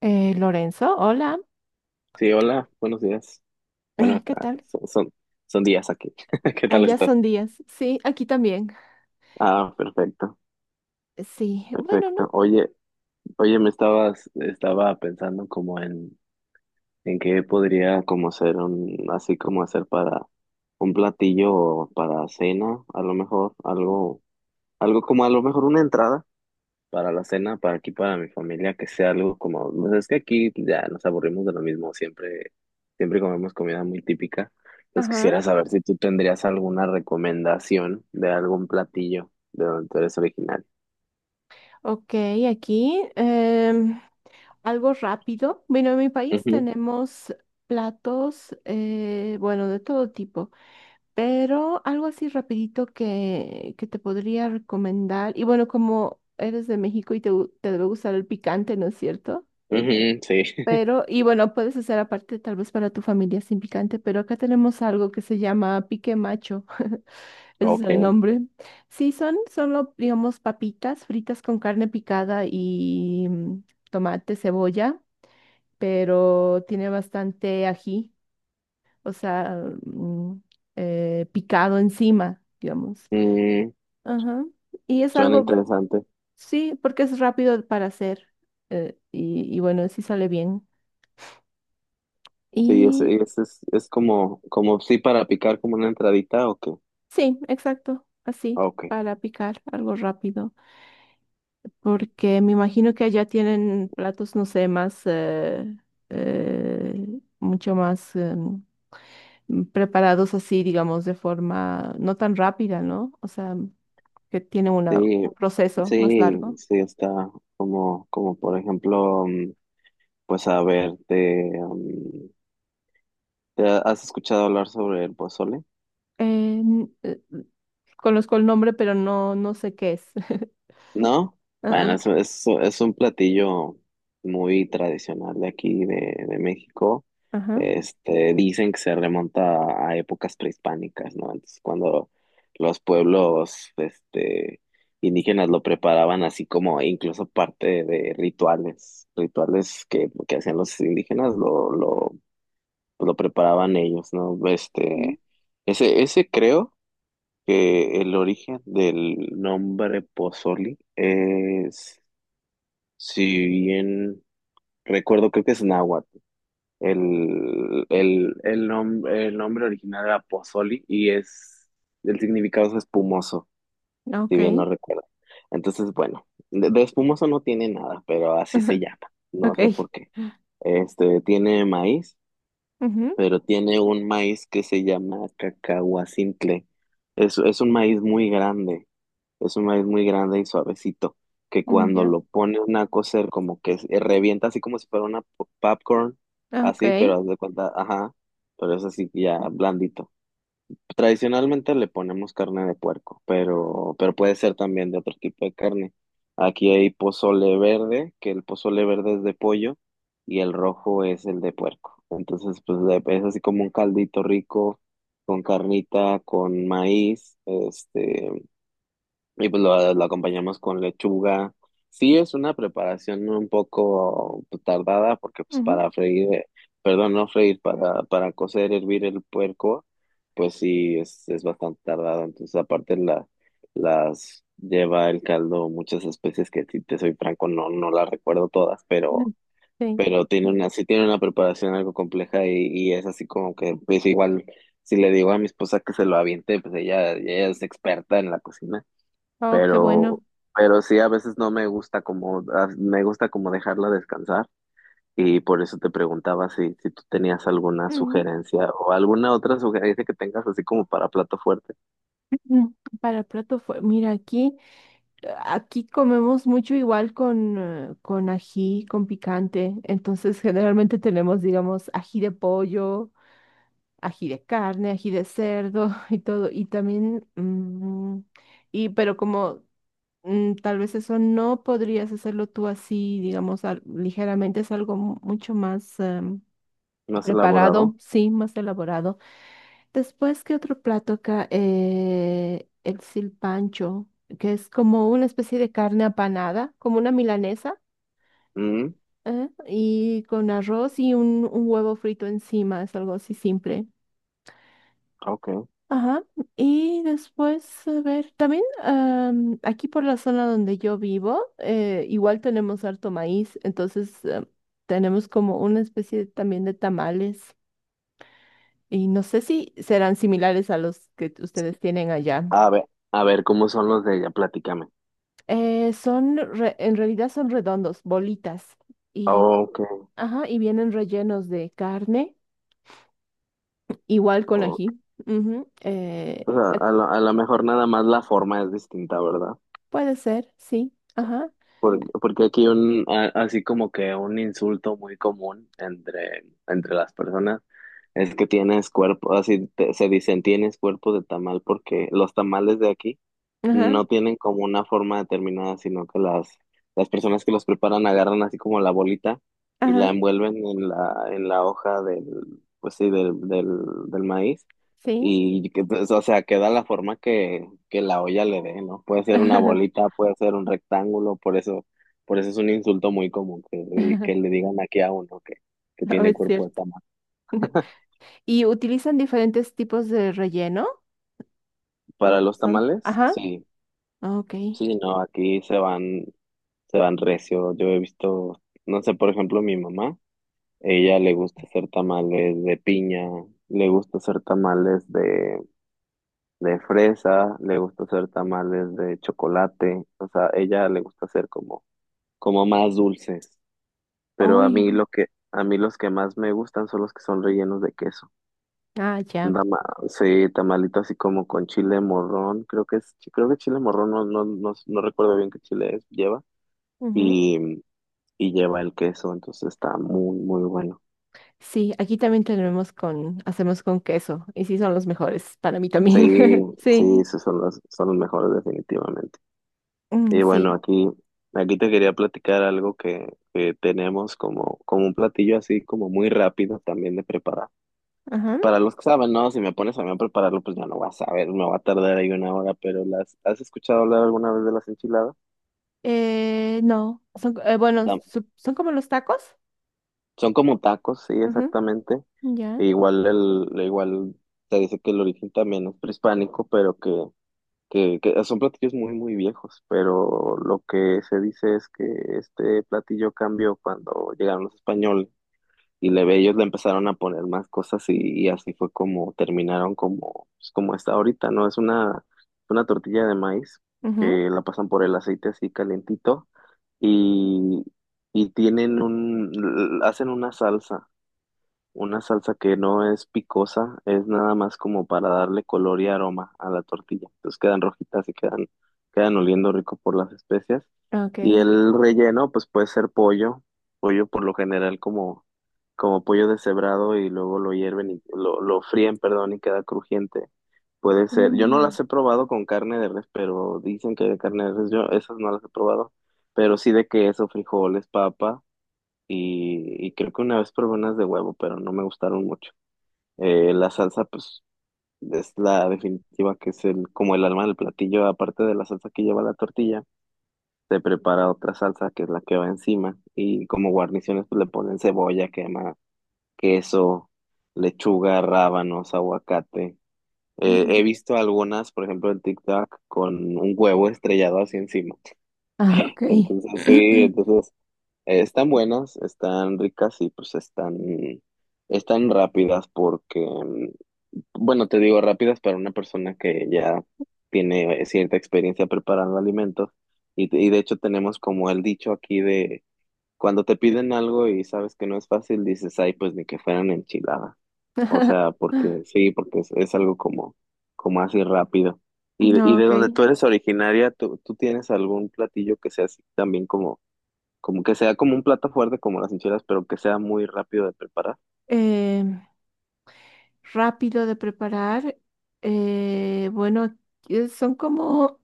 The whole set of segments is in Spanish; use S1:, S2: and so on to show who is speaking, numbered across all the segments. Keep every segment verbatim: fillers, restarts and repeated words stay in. S1: Eh, Lorenzo, hola.
S2: Sí, hola, buenos días. Bueno,
S1: Ah, ¿qué
S2: acá
S1: tal?
S2: son, son, son días aquí. ¿Qué tal
S1: Allá
S2: estás?
S1: son días. Sí, aquí también.
S2: Ah, perfecto,
S1: Sí, bueno, ¿no?
S2: perfecto. Oye, oye, me estabas, estaba pensando como en, en qué podría como ser un, así como hacer para un platillo o para cena, a lo mejor, algo, algo como a lo mejor una entrada para la cena, para aquí, para mi familia, que sea algo como, pues es que aquí ya nos aburrimos de lo mismo, siempre, siempre comemos comida muy típica. Entonces
S1: Ajá.
S2: quisiera saber si tú tendrías alguna recomendación de algún platillo de donde tú eres original.
S1: Ok, aquí em, algo rápido. Bueno, en mi país
S2: Ujú,
S1: tenemos platos, eh, bueno, de todo tipo, pero algo así rapidito que, que te podría recomendar. Y bueno, como eres de México y te, gu- te debe gustar el picante, ¿no es cierto?
S2: ujú, sí.
S1: Pero, y bueno, puedes hacer aparte tal vez para tu familia sin picante, pero acá tenemos algo que se llama pique macho. Ese es el
S2: Ok.
S1: nombre. Sí, son solo, digamos, papitas fritas con carne picada y mm, tomate, cebolla, pero tiene bastante ají, o sea, mm, eh, picado encima, digamos.
S2: Mm,
S1: Ajá. Y es
S2: suena
S1: algo,
S2: interesante.
S1: sí, porque es rápido para hacer eh, y, y bueno, sí sale bien.
S2: Sí, es,
S1: Y...
S2: es, es, es como, como sí para picar como una entradita o qué.
S1: Sí, exacto, así,
S2: Ok.
S1: para picar algo rápido, porque me imagino que allá tienen platos, no sé, más, eh, eh, mucho más eh, preparados así, digamos, de forma no tan rápida, ¿no? O sea, que tienen una,
S2: Sí,
S1: un proceso más
S2: sí,
S1: largo.
S2: sí está como, como por ejemplo. Pues a ver, te, um, ¿te has escuchado hablar sobre el pozole?
S1: Eh, n- eh, conozco el nombre, pero no, no sé qué es.
S2: ¿No? Bueno,
S1: Ah,
S2: es, es, es un platillo muy tradicional de aquí, de, de México.
S1: ah, ajá,
S2: Este, dicen que se remonta a épocas prehispánicas, ¿no? Entonces, cuando los pueblos, este, indígenas lo preparaban así como incluso parte de rituales, rituales que, que hacían los indígenas, lo, lo, lo preparaban ellos, ¿no?
S1: mm,
S2: Este, ese, ese creo que el origen del nombre Pozoli es, si bien recuerdo, creo que es náhuatl. El, el, el, nom- el nombre original era Pozoli y es, el significado es espumoso, si
S1: ok,
S2: bien no recuerdo. Entonces, bueno, de, de espumoso no tiene nada, pero así se llama. No
S1: ok,
S2: sé por qué. Este, tiene maíz,
S1: ujú,
S2: pero tiene un maíz que se llama cacahuacintle. Es, es un maíz muy grande. Es un maíz muy grande y suavecito, que
S1: mm,
S2: cuando
S1: ya,
S2: lo pone una a cocer, como que se- revienta así como si fuera una po- popcorn,
S1: ah, ok.
S2: así, pero haz de cuenta, ajá, pero es así ya blandito. Tradicionalmente le ponemos carne de puerco, pero, pero puede ser también de otro tipo de carne. Aquí hay pozole verde, que el pozole verde es de pollo y el rojo es el de puerco. Entonces, pues de- es así como un caldito rico con carnita, con maíz, este. Y pues lo, lo acompañamos con lechuga. Sí, es una preparación un poco tardada porque pues para freír, eh, perdón, no freír, para, para cocer, hervir el puerco, pues sí, es, es bastante tardado. Entonces aparte la, las lleva el caldo muchas especies que si te soy franco no, no las recuerdo todas, pero,
S1: Mm. Sí.
S2: pero tiene una, sí tiene una preparación algo compleja y, y es así como que pues igual si le digo a mi esposa que se lo aviente, pues ella, ella es experta en la cocina
S1: Oh, qué
S2: pero,
S1: bueno.
S2: pero sí a veces no me gusta como, a- me gusta como dejarla descansar y por eso te preguntaba si, si tú tenías alguna
S1: Mm,
S2: sugerencia o alguna otra sugerencia que tengas así como para plato fuerte.
S1: mm. Para el plato fue, mira, aquí, eh, aquí comemos mucho igual con, eh, con ají, con picante. Entonces, generalmente tenemos, digamos, ají de pollo, ají de carne, ají de cerdo y todo. Y también, mm, y, pero como mm, tal vez eso no podrías hacerlo tú así, digamos, al- ligeramente, es algo mu- mucho más em,
S2: ¿No has
S1: preparado,
S2: elaborado?
S1: sí, más elaborado. Después, ¿qué otro plato acá? Eh, el silpancho, que es como una especie de carne apanada, como una milanesa,
S2: Mm,
S1: ¿eh? Y con arroz y un, un huevo frito encima, es algo así simple.
S2: ok.
S1: Ajá. Y después, a ver, también am, aquí por la zona donde yo vivo, eh, igual tenemos harto maíz, entonces eh, tenemos como una especie también de tamales. Y no sé si serán similares a los que ustedes tienen allá.
S2: A ver, a ver, ¿cómo son los de ella? Platícame.
S1: Eh, son, re- en realidad son redondos, bolitas, y,
S2: Ok,
S1: ajá, y vienen rellenos de carne, igual con
S2: ok.
S1: ají. Ujú, eh,
S2: O sea,
S1: eh,
S2: a lo, a lo mejor nada más la forma es distinta, ¿verdad?
S1: puede ser, sí, ajá,
S2: Por- Porque aquí un, a- así como que un insulto muy común entre, entre las personas es que tienes cuerpo, así te- se dicen tienes cuerpo de tamal porque los tamales de aquí
S1: ajá,
S2: no tienen como una forma determinada, sino que las, las personas que los preparan agarran así como la bolita y la
S1: ajá,
S2: envuelven en la, en la hoja del, pues sí, del, del, del maíz.
S1: sí,
S2: Y que, pues, o sea, queda la forma que, que la olla le dé, ¿no? Puede ser una bolita, puede ser un rectángulo, por eso, por eso es un insulto muy común que,
S1: ajá,
S2: que le digan aquí a uno que, que
S1: no
S2: tiene
S1: es
S2: cuerpo de
S1: cierto.
S2: tamal.
S1: ¿Y utilizan diferentes tipos de relleno?
S2: Para
S1: ¿O
S2: los
S1: son?
S2: tamales,
S1: Ajá,
S2: sí,
S1: ok.
S2: sí, no, aquí se van, se van recio. Yo he visto, no sé, por ejemplo, mi mamá, ella le gusta hacer tamales de piña, le gusta hacer tamales de, de fresa, le gusta hacer tamales de chocolate, o sea, ella le gusta hacer como, como más dulces, pero a mí
S1: Uy,
S2: lo que, a mí los que más me gustan son los que son rellenos de queso.
S1: ah, ya.
S2: Dama, sí, tamalito así como con chile morrón, creo que es, creo que chile morrón, no, no, no, no recuerdo bien qué chile es, lleva.
S1: Ujú.
S2: y y lleva el queso, entonces está muy, muy bueno.
S1: Sí, aquí también tenemos con, hacemos con queso, y sí son los mejores para mí también.
S2: Sí, sí,
S1: Sí.
S2: esos son los, son los mejores definitivamente.
S1: Mm.
S2: Y bueno,
S1: Sí.
S2: aquí, aquí te quería platicar algo que, que tenemos como, como un platillo así como muy rápido también de preparar.
S1: Ajá.
S2: Para los que saben, no, si me pones a mí a prepararlo, pues ya no vas a saber, me va a tardar ahí una hora, pero las, ¿has escuchado hablar alguna vez de las enchiladas?
S1: Eh, no, son, eh, bueno,
S2: No,
S1: su- son como los tacos.
S2: son como tacos, sí,
S1: Ajá.
S2: exactamente.
S1: Ya.
S2: E igual el, igual se dice que el origen también es prehispánico, pero que que, que son platillos muy, muy viejos, pero lo que se dice es que este platillo cambió cuando llegaron los españoles y le, ellos le empezaron a poner más cosas y, y así fue como terminaron como, pues, como está ahorita, ¿no? Es una, una tortilla de maíz
S1: Ajá.
S2: que la pasan por el aceite así calentito y, y tienen un, hacen una salsa, una salsa que no es picosa, es nada más como para darle color y aroma a la tortilla. Entonces quedan rojitas y quedan, quedan oliendo rico por las especias. Y
S1: Ok.
S2: el relleno, pues puede ser pollo, pollo por lo general como, como pollo deshebrado y luego lo hierven y lo, lo fríen, perdón, y queda crujiente. Puede ser, yo no
S1: Mm,
S2: las he probado con carne de res, pero dicen que de carne de res, yo esas no las he probado, pero sí de queso, frijoles, papa y, y creo que una vez probé unas de huevo, pero no me gustaron mucho. Eh, la salsa, pues, es la definitiva, que es el, como el alma del platillo, aparte de la salsa que lleva la tortilla, se prepara otra salsa que es la que va encima, y como guarniciones, pues le ponen cebolla, quema, queso, lechuga, rábanos, aguacate. Eh, he
S1: mm.
S2: visto algunas, por ejemplo, en TikTok, con un huevo estrellado así encima.
S1: Ah, ok.
S2: Entonces, sí, entonces, eh, están buenas, están ricas y pues están, están rápidas porque, mm, bueno, te digo rápidas para una persona que ya tiene cierta experiencia preparando alimentos y, y de hecho tenemos como el dicho aquí de cuando te piden algo y sabes que no es fácil, dices, ay, pues ni que fueran enchiladas. O sea, porque sí, porque es, es algo como, como así rápido. Y, y
S1: No,
S2: de
S1: ok.
S2: donde tú eres originaria, ¿tú, tú tienes algún platillo que sea así también como como que sea como un plato fuerte como las enchiladas, pero que sea muy rápido de preparar?
S1: Em, rápido de preparar. Eh, bueno, eh, son como,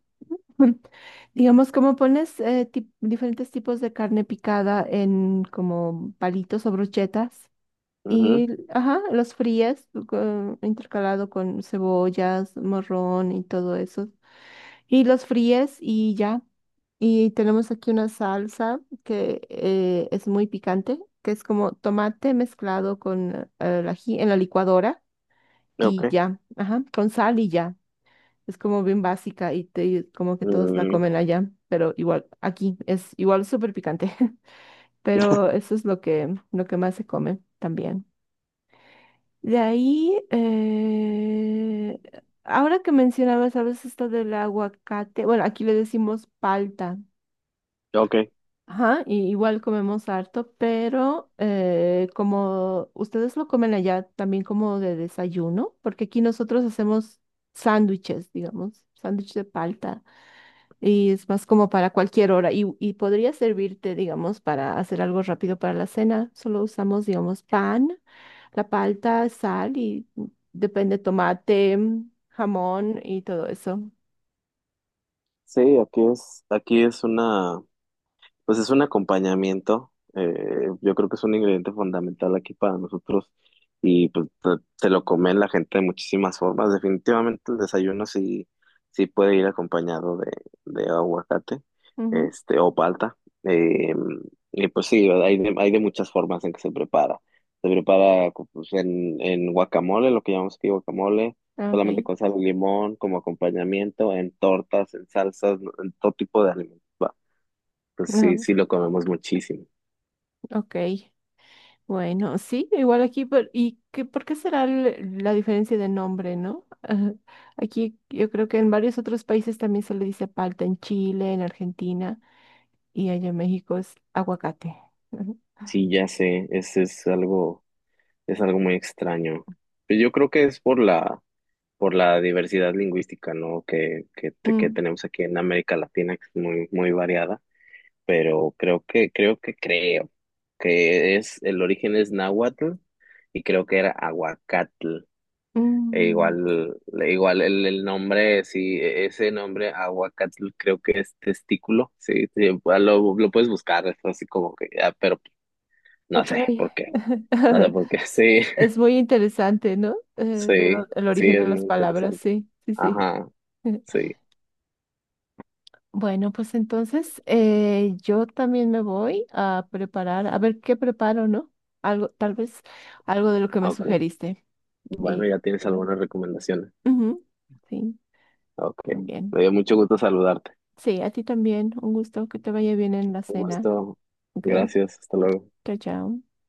S1: digamos, como pones eh, tip- diferentes tipos de carne picada en como palitos o brochetas.
S2: Ujú.
S1: Y, ajá, los frías con- intercalado con cebollas, morrón y todo eso. Y los fríes y ya. Y tenemos aquí una salsa que eh, es muy picante, que es como tomate mezclado con eh, el ají en la licuadora
S2: Ok.
S1: y ya, ajá, con sal y ya. Es como bien básica y te- como que todos la
S2: Mm,
S1: comen allá, pero igual aquí es igual súper picante. Pero eso es lo que, lo que más se come también. De ahí, eh, ahora que mencionabas, ¿sabes esto del aguacate? Bueno, aquí le decimos palta.
S2: ok.
S1: Ajá, y igual comemos harto, pero eh, como ustedes lo comen allá también como de desayuno, porque aquí nosotros hacemos sándwiches, digamos, sándwich de palta, y es más como para cualquier hora, y, y podría servirte, digamos, para hacer algo rápido para la cena. Solo usamos, digamos, pan, la palta, sal y mm, depende tomate, mm, jamón y todo eso.
S2: Sí, aquí es, aquí es una. Pues es un acompañamiento, eh, yo creo que es un ingrediente fundamental aquí para nosotros y pues te, te lo comen la gente de muchísimas formas. Definitivamente el desayuno sí, sí puede ir acompañado de, de aguacate,
S1: Ujú,
S2: este, o palta. Eh, y pues sí, hay de, hay de muchas formas en que se prepara. Se prepara co- pues, en, en guacamole, lo que llamamos aquí guacamole,
S1: ah, ok,
S2: solamente con sal y limón como acompañamiento, en tortas, en salsas, en todo tipo de alimentos. Pues sí,
S1: no,
S2: sí lo comemos muchísimo.
S1: ok. Bueno, sí, igual aquí, por- ¿y qué, por qué será el- la diferencia de nombre, no? Ajá. Aquí yo creo que en varios otros países también se le dice palta, en Chile, en Argentina, y allá en México es aguacate. Ajá.
S2: Sí, ya sé, es, es algo, es algo muy extraño. Pero yo creo que es por la, por la diversidad lingüística, ¿no? Que, que, te- que
S1: Mm,
S2: tenemos aquí en América Latina, que es muy, muy variada. Pero creo que, creo que creo que es, el origen es náhuatl y creo que era aguacatl. E
S1: mm,
S2: igual, igual el, el nombre, sí, e- ese nombre aguacatl creo que es testículo, sí, sí, lo, lo puedes buscar, es así como que, ah, pero no
S1: ok,
S2: sé por qué. No sé por qué. Sí,
S1: es muy interesante, ¿no? Eh, de
S2: sí,
S1: dó- el
S2: sí,
S1: origen
S2: es
S1: de
S2: muy
S1: las palabras,
S2: interesante.
S1: sí, sí, sí.
S2: Ajá, sí.
S1: Bueno, pues entonces eh, yo también me voy a preparar, a ver qué preparo, ¿no? Algo, tal vez algo de lo que me
S2: Ok.
S1: sugeriste.
S2: Bueno,
S1: Y
S2: ya tienes
S1: bueno,
S2: algunas recomendaciones.
S1: ujú, sí,
S2: Ok. Me
S1: también.
S2: dio mucho gusto saludarte.
S1: Sí, a ti también. Un gusto que te vaya bien en la
S2: Un
S1: cena.
S2: gusto.
S1: Ok,
S2: Gracias. Hasta luego.
S1: chao, chao.